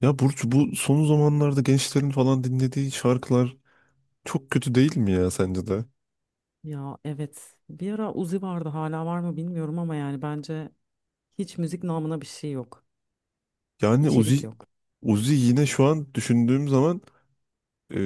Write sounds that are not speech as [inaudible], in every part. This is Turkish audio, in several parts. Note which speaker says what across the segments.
Speaker 1: Ya Burcu, bu son zamanlarda gençlerin falan dinlediği şarkılar çok kötü, değil mi ya, sence de?
Speaker 2: Ya evet. Bir ara Uzi vardı hala var mı bilmiyorum ama yani bence hiç müzik namına bir şey yok.
Speaker 1: Yani
Speaker 2: İçerik
Speaker 1: Uzi,
Speaker 2: yok.
Speaker 1: Uzi yine şu an düşündüğüm zaman e,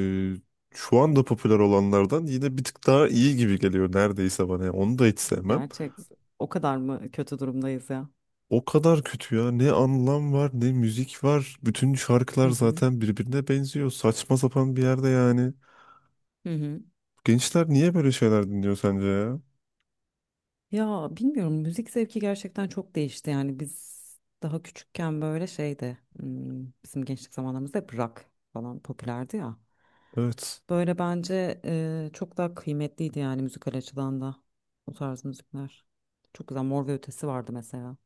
Speaker 1: şu anda popüler olanlardan yine bir tık daha iyi gibi geliyor neredeyse bana. Yani onu da hiç sevmem.
Speaker 2: Gerçek. O kadar mı kötü durumdayız ya?
Speaker 1: O kadar kötü ya. Ne anlam var, ne müzik var. Bütün
Speaker 2: Hı
Speaker 1: şarkılar
Speaker 2: hı.
Speaker 1: zaten birbirine benziyor. Saçma sapan bir yerde yani.
Speaker 2: Hı hı.
Speaker 1: Gençler niye böyle şeyler dinliyor sence ya?
Speaker 2: Ya bilmiyorum, müzik zevki gerçekten çok değişti. Yani biz daha küçükken böyle şeydi, bizim gençlik zamanlarımızda hep rock falan popülerdi ya.
Speaker 1: Evet.
Speaker 2: Böyle bence çok daha kıymetliydi yani müzikal açıdan da o tarz müzikler. Çok güzel Mor ve Ötesi vardı mesela.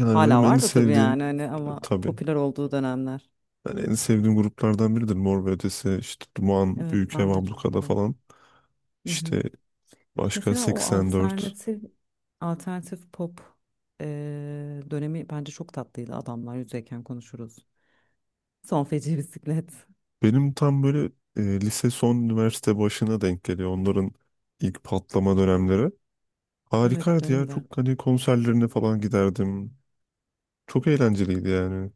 Speaker 1: Yani
Speaker 2: Hala
Speaker 1: benim en
Speaker 2: var da tabii
Speaker 1: sevdiğim
Speaker 2: yani hani, ama
Speaker 1: tabii.
Speaker 2: popüler olduğu dönemler.
Speaker 1: Yani en sevdiğim gruplardan biridir. Mor ve Ötesi, işte Duman,
Speaker 2: Evet
Speaker 1: Büyükev,
Speaker 2: ben de çok
Speaker 1: Ablukada
Speaker 2: severim.
Speaker 1: falan.
Speaker 2: Hı hı.
Speaker 1: İşte başka
Speaker 2: Mesela o
Speaker 1: 84.
Speaker 2: alternatif pop eee, dönemi bence çok tatlıydı. Adamlar yüzeyken konuşuruz. Son feci [laughs] bisiklet.
Speaker 1: Benim tam böyle lise son üniversite başına denk geliyor. Onların ilk patlama dönemleri.
Speaker 2: Evet
Speaker 1: Harikaydı ya.
Speaker 2: benim de.
Speaker 1: Çok hani konserlerine falan giderdim. Çok eğlenceliydi yani.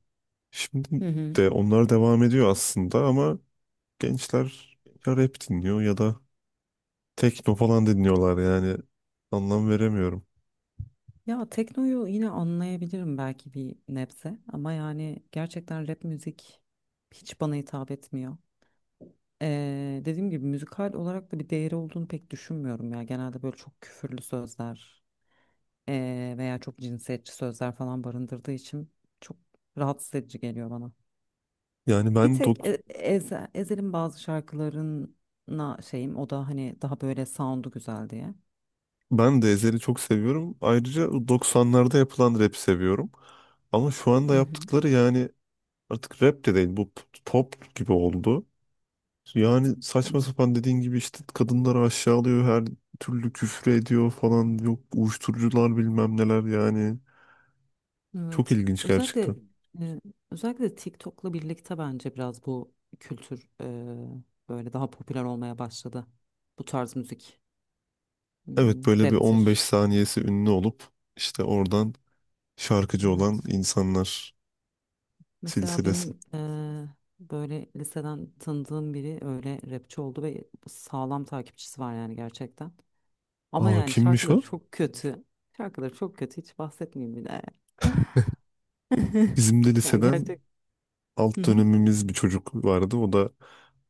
Speaker 1: Şimdi
Speaker 2: Hı hı.
Speaker 1: de onlar devam ediyor aslında ama gençler ya rap dinliyor ya da tekno falan dinliyorlar yani. Anlam veremiyorum.
Speaker 2: Ya teknoyu yine anlayabilirim belki bir nebze, ama yani gerçekten rap müzik hiç bana hitap etmiyor. Dediğim gibi, müzikal olarak da bir değeri olduğunu pek düşünmüyorum ya. Genelde böyle çok küfürlü sözler veya çok cinsiyetçi sözler falan barındırdığı için çok rahatsız edici geliyor bana.
Speaker 1: Yani
Speaker 2: Bir tek Ezel'in bazı şarkılarına şeyim, o da hani daha böyle sound'u güzel diye.
Speaker 1: ben de Ezhel'i çok seviyorum. Ayrıca 90'larda yapılan rap seviyorum. Ama şu anda
Speaker 2: Hı hı,
Speaker 1: yaptıkları yani artık rap de değil, bu pop gibi oldu. Yani
Speaker 2: hı
Speaker 1: saçma
Speaker 2: hı.
Speaker 1: sapan, dediğin gibi işte kadınları aşağılıyor, her türlü küfür ediyor falan, yok uyuşturucular, bilmem neler yani. Çok
Speaker 2: Evet.
Speaker 1: ilginç
Speaker 2: Özellikle
Speaker 1: gerçekten.
Speaker 2: e, özellikle TikTok'la birlikte bence biraz bu kültür, böyle daha popüler olmaya başladı. Bu tarz müzik. Hmm,
Speaker 1: Evet, böyle bir 15
Speaker 2: raptir.
Speaker 1: saniyesi ünlü olup işte oradan şarkıcı olan
Speaker 2: Evet.
Speaker 1: insanlar
Speaker 2: Mesela
Speaker 1: silsilesi.
Speaker 2: benim böyle liseden tanıdığım biri öyle rapçi oldu ve sağlam takipçisi var yani gerçekten. Ama
Speaker 1: Aa,
Speaker 2: yani
Speaker 1: kimmiş o?
Speaker 2: şarkıları çok kötü. Şarkıları çok kötü, hiç bahsetmeyeyim bile. [laughs]
Speaker 1: Bizim de
Speaker 2: Ya
Speaker 1: liseden
Speaker 2: gerçek. Hı
Speaker 1: alt
Speaker 2: hı.
Speaker 1: dönemimiz bir çocuk vardı. O da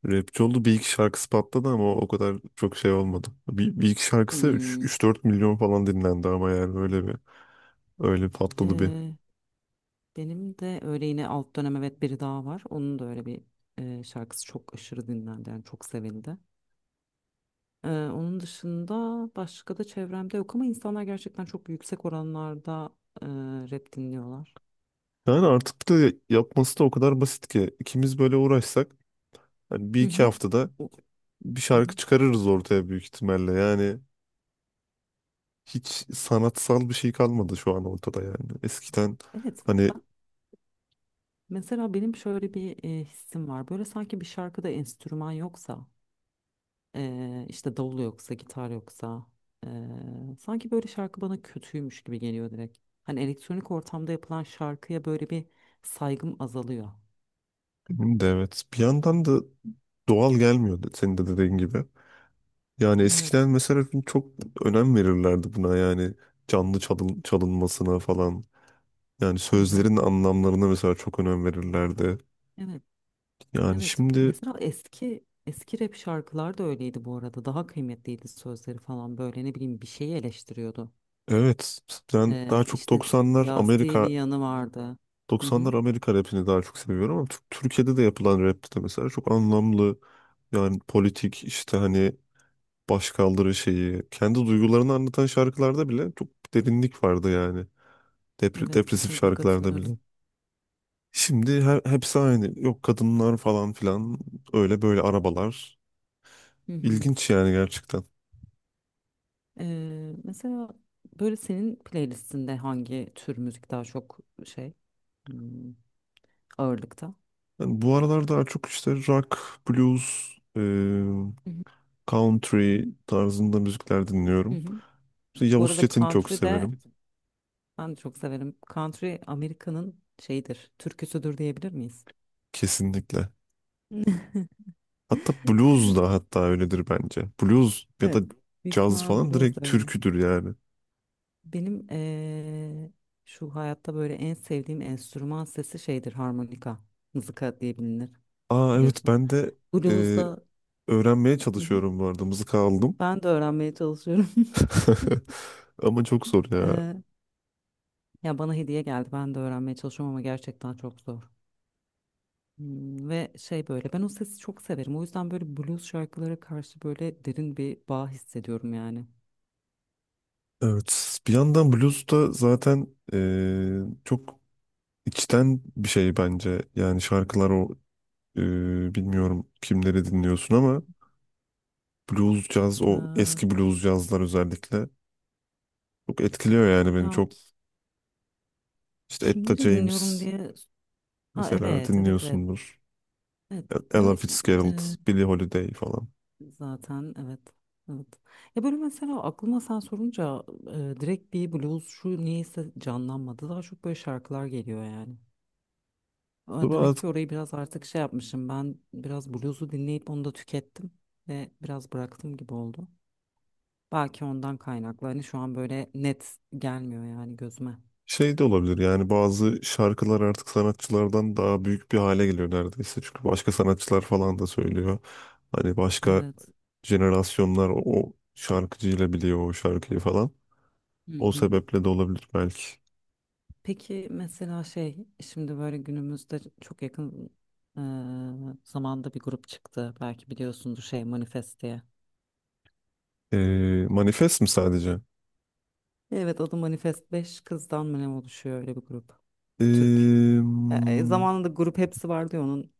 Speaker 1: rapçi oldu. Bir iki şarkısı patladı ama o kadar çok şey olmadı. Bir iki şarkısı
Speaker 2: Hmm,
Speaker 1: 3-4 milyon falan dinlendi ama yani böyle bir. Öyle patladı bir.
Speaker 2: eee, benim de öyle, yine alt dönem, evet, biri daha var. Onun da öyle bir şarkısı çok aşırı dinlendi, yani çok sevildi. Onun dışında başka da çevremde yok, ama insanlar gerçekten çok yüksek oranlarda eee, rap dinliyorlar.
Speaker 1: Yani artık da yapması da o kadar basit ki ikimiz böyle uğraşsak hani bir
Speaker 2: Hı
Speaker 1: iki
Speaker 2: hı.
Speaker 1: haftada
Speaker 2: O-
Speaker 1: bir
Speaker 2: Hı
Speaker 1: şarkı
Speaker 2: hı.
Speaker 1: çıkarırız ortaya büyük ihtimalle. Yani hiç sanatsal bir şey kalmadı şu an ortada yani. Eskiden
Speaker 2: Evet,
Speaker 1: hani
Speaker 2: mesela benim şöyle bir hissim var. Böyle sanki bir şarkıda enstrüman yoksa, işte davul yoksa, gitar yoksa, sanki böyle şarkı bana kötüymüş gibi geliyor direkt. Hani elektronik ortamda yapılan şarkıya böyle bir saygım azalıyor.
Speaker 1: benim de, evet, bir yandan da doğal gelmiyordu senin de dediğin gibi. Yani eskiden
Speaker 2: Evet.
Speaker 1: mesela çok önem verirlerdi buna, yani canlı çalın, çalınmasına falan. Yani
Speaker 2: Hı hı.
Speaker 1: sözlerin anlamlarına mesela çok önem verirlerdi.
Speaker 2: Evet.
Speaker 1: Yani
Speaker 2: Evet.
Speaker 1: şimdi
Speaker 2: Mesela eski eski rap şarkılar da öyleydi bu arada. Daha kıymetliydi sözleri falan, böyle ne bileyim, bir şeyi eleştiriyordu.
Speaker 1: evet, ben daha çok
Speaker 2: İşte
Speaker 1: 90'lar
Speaker 2: siyasi bir
Speaker 1: Amerika
Speaker 2: yanı vardı. Hı hı.
Speaker 1: 90'lar Amerika rapini daha çok seviyorum ama Türkiye'de de yapılan rap de mesela çok anlamlı. Yani politik işte hani başkaldırı şeyi, kendi duygularını anlatan şarkılarda bile çok derinlik vardı yani.
Speaker 2: Evet,
Speaker 1: Depresif
Speaker 2: kesinlikle
Speaker 1: şarkılarda
Speaker 2: katılıyorum.
Speaker 1: bile. Şimdi hepsi aynı. Yok, kadınlar falan filan, öyle böyle arabalar.
Speaker 2: Hı hı.
Speaker 1: İlginç yani gerçekten.
Speaker 2: Mesela böyle senin playlistinde hangi tür müzik daha çok şey, hmm, ağırlıkta?
Speaker 1: Yani bu aralar daha çok işte rock, blues, e,
Speaker 2: Hı hı.
Speaker 1: country tarzında müzikler
Speaker 2: Hı
Speaker 1: dinliyorum.
Speaker 2: hı.
Speaker 1: İşte
Speaker 2: Bu
Speaker 1: Yavuz
Speaker 2: arada
Speaker 1: Çetin'i çok
Speaker 2: country de,
Speaker 1: severim.
Speaker 2: ben de çok severim. Country Amerika'nın şeyidir, türküsüdür diyebilir miyiz?
Speaker 1: Kesinlikle.
Speaker 2: [laughs]
Speaker 1: Hatta blues da, hatta öyledir bence. Blues ya da
Speaker 2: Evet. Büyük
Speaker 1: caz
Speaker 2: ihtimal
Speaker 1: falan
Speaker 2: blues
Speaker 1: direkt
Speaker 2: da öyle.
Speaker 1: türküdür yani.
Speaker 2: Benim şu hayatta böyle en sevdiğim enstrüman sesi şeydir, harmonika. Mızıka diye bilinir
Speaker 1: Aa, evet,
Speaker 2: biliyorsun.
Speaker 1: ben de e,
Speaker 2: Blues'da.
Speaker 1: öğrenmeye
Speaker 2: Hı hı.
Speaker 1: çalışıyorum bu arada. Mızıka aldım.
Speaker 2: Ben de öğrenmeye çalışıyorum. [laughs]
Speaker 1: [laughs] Ama çok zor ya.
Speaker 2: Eee, Ya bana hediye geldi, ben de öğrenmeye çalışıyorum ama gerçekten çok zor. Hmm, ve şey, böyle ben o sesi çok severim. O yüzden böyle blues şarkılara karşı böyle derin bir bağ hissediyorum yani.
Speaker 1: Evet. Bir yandan blues da zaten eee, çok içten bir şey bence. Yani şarkılar o bilmiyorum kimleri dinliyorsun ama blues caz, o
Speaker 2: Eee,
Speaker 1: eski blues cazlar özellikle çok etkiliyor yani beni
Speaker 2: Ya
Speaker 1: çok. İşte Etta
Speaker 2: kimleri dinliyorum
Speaker 1: James
Speaker 2: diye. Ha
Speaker 1: mesela
Speaker 2: evet, evet, evet.
Speaker 1: dinliyorsundur.
Speaker 2: Evet.
Speaker 1: Ella
Speaker 2: Ya.
Speaker 1: Fitzgerald, Billie Holiday falan.
Speaker 2: Zaten evet. Evet. Ya böyle mesela aklıma sen sorunca direkt bir blues şu niyeyse canlanmadı. Daha çok böyle şarkılar geliyor yani. E, demek ki orayı biraz artık şey yapmışım. Ben biraz bluesu dinleyip onu da tükettim ve biraz bıraktım gibi oldu. Belki ondan kaynaklı. Hani şu an böyle net gelmiyor yani gözüme.
Speaker 1: Şey de olabilir yani, bazı şarkılar artık sanatçılardan daha büyük bir hale geliyor neredeyse. Çünkü başka sanatçılar falan da söylüyor. Hani başka
Speaker 2: Evet.
Speaker 1: jenerasyonlar o şarkıcıyla biliyor o şarkıyı falan.
Speaker 2: Hı
Speaker 1: O
Speaker 2: hı.
Speaker 1: sebeple de olabilir belki.
Speaker 2: Peki mesela şey, şimdi böyle günümüzde çok yakın e, zamanda bir grup çıktı. Belki biliyorsundur, şey Manifest diye.
Speaker 1: Manifest mi sadece?
Speaker 2: Evet, adı Manifest, 5 kızdan mı ne oluşuyor, öyle bir grup. Türk.
Speaker 1: Ee, hmm,
Speaker 2: Zamanında grup hepsi vardı ya, onun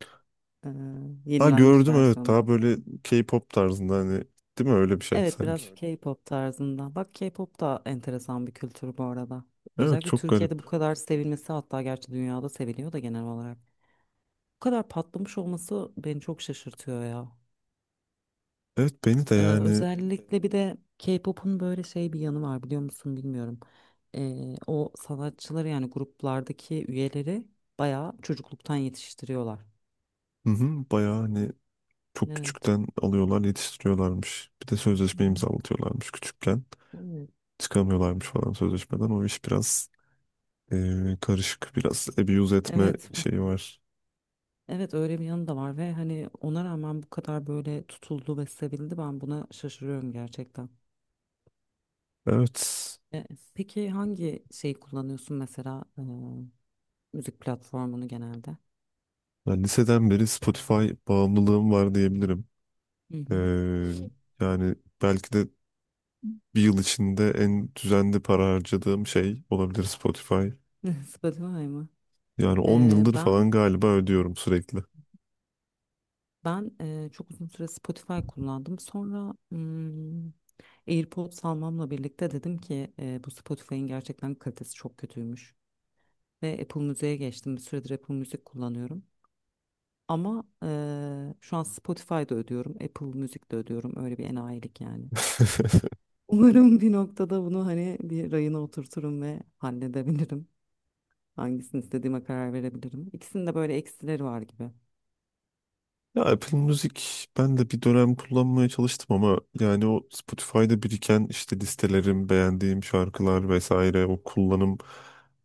Speaker 2: e,
Speaker 1: ha,
Speaker 2: yenilenmiş
Speaker 1: gördüm, evet,
Speaker 2: versiyonu
Speaker 1: daha
Speaker 2: gibi.
Speaker 1: böyle K-pop tarzında hani, değil mi, öyle bir şey
Speaker 2: Evet biraz.
Speaker 1: sanki.
Speaker 2: Evet. K-pop tarzında. Bak, K-pop da enteresan bir kültür bu arada.
Speaker 1: Evet
Speaker 2: Özellikle
Speaker 1: çok garip.
Speaker 2: Türkiye'de bu kadar sevilmesi, hatta gerçi dünyada seviliyor da genel olarak. Bu kadar patlamış olması beni çok şaşırtıyor ya.
Speaker 1: Evet beni de yani.
Speaker 2: Özellikle bir de K-pop'un böyle şey bir yanı var, biliyor musun bilmiyorum. O sanatçıları, yani gruplardaki üyeleri bayağı çocukluktan yetiştiriyorlar.
Speaker 1: Hı hı, bayağı hani çok
Speaker 2: Evet.
Speaker 1: küçükten alıyorlar, yetiştiriyorlarmış. Bir de
Speaker 2: Hı
Speaker 1: sözleşme
Speaker 2: hı.
Speaker 1: imzalatıyorlarmış küçükken.
Speaker 2: Evet.
Speaker 1: Çıkamıyorlarmış falan sözleşmeden. O iş biraz karışık. Biraz abuse etme
Speaker 2: Evet,
Speaker 1: şeyi var.
Speaker 2: evet, öyle bir yanı da var ve hani ona rağmen bu kadar böyle tutuldu ve sevildi, ben buna şaşırıyorum gerçekten.
Speaker 1: Evet.
Speaker 2: E, peki hangi şeyi kullanıyorsun mesela, müzik platformunu genelde?
Speaker 1: Ben liseden beri Spotify bağımlılığım var diyebilirim.
Speaker 2: Hı hı.
Speaker 1: Eee, Yani belki de bir yıl içinde en düzenli para harcadığım şey olabilir Spotify.
Speaker 2: [laughs] Spotify mı?
Speaker 1: Yani 10
Speaker 2: E,
Speaker 1: yıldır
Speaker 2: ben
Speaker 1: falan galiba ödüyorum sürekli.
Speaker 2: Ben çok uzun süre Spotify kullandım. Sonra AirPods almamla birlikte dedim ki bu Spotify'ın gerçekten kalitesi çok kötüymüş. Ve Apple Müzik'e geçtim. Bir süredir Apple Müzik kullanıyorum. Ama şu an Spotify'da ödüyorum, Apple Müzik'te ödüyorum. Öyle bir enayilik yani.
Speaker 1: [laughs]
Speaker 2: Umarım bir noktada bunu hani bir rayına oturturum ve halledebilirim. Hangisini istediğime karar verebilirim. İkisinin de böyle eksileri var gibi.
Speaker 1: Ya, Apple Music ben de bir dönem kullanmaya çalıştım ama yani o Spotify'da biriken işte listelerim, beğendiğim şarkılar vesaire, o kullanım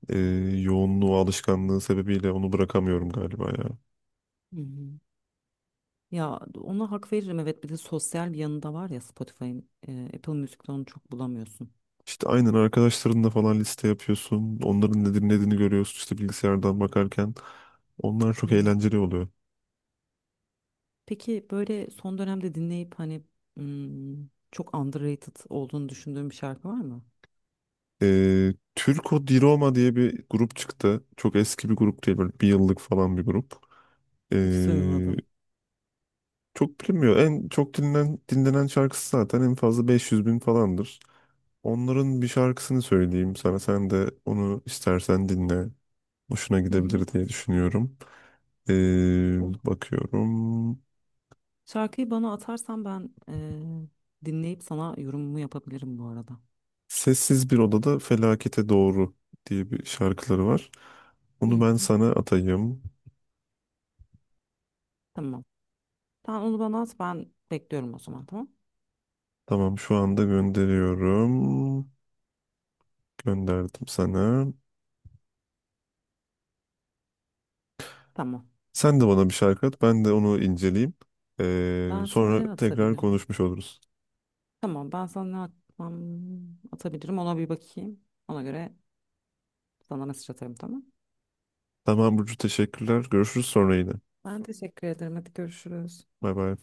Speaker 1: e, yoğunluğu, alışkanlığı sebebiyle onu bırakamıyorum galiba ya.
Speaker 2: Hı hı. Ya ona hak veririm, evet, bir de sosyal bir yanı da var ya Spotify'ın, Apple Music'te onu çok bulamıyorsun.
Speaker 1: İşte aynen arkadaşlarınla falan liste yapıyorsun. Onların ne dinlediğini görüyorsun işte bilgisayardan bakarken. Onlar çok
Speaker 2: Evet.
Speaker 1: eğlenceli oluyor.
Speaker 2: Peki böyle son dönemde dinleyip hani çok underrated olduğunu düşündüğün bir şarkı var mı?
Speaker 1: Türko Di Roma diye bir grup çıktı. Çok eski bir grup değil, böyle bir yıllık falan bir grup. E,
Speaker 2: Hiç duymadım.
Speaker 1: Çok bilinmiyor. En çok dinlenen şarkısı zaten en fazla 500 bin falandır. Onların bir şarkısını söyleyeyim sana. Sen de onu istersen dinle. Hoşuna
Speaker 2: Hı hı.
Speaker 1: gidebilir diye düşünüyorum.
Speaker 2: Olur.
Speaker 1: Bakıyorum.
Speaker 2: Şarkıyı bana atarsan ben dinleyip sana yorumumu yapabilirim bu arada.
Speaker 1: Sessiz bir odada felakete doğru diye bir şarkıları var.
Speaker 2: Hı
Speaker 1: Onu ben
Speaker 2: hı.
Speaker 1: sana atayım.
Speaker 2: Tamam. Sen onu bana at, ben bekliyorum o zaman, tamam.
Speaker 1: Tamam, şu anda gönderiyorum. Gönderdim sana.
Speaker 2: Tamam.
Speaker 1: Sen de bana bir şarkı at. Ben de onu inceleyeyim.
Speaker 2: Ben sana ne
Speaker 1: Sonra tekrar
Speaker 2: atabilirim?
Speaker 1: konuşmuş oluruz.
Speaker 2: Tamam, ben sana atabilirim, ona bir bakayım. Ona göre sana mesaj atarım, tamam.
Speaker 1: Tamam Burcu, teşekkürler. Görüşürüz sonra yine.
Speaker 2: Ben teşekkür ederim. Hadi görüşürüz.
Speaker 1: Bay bay.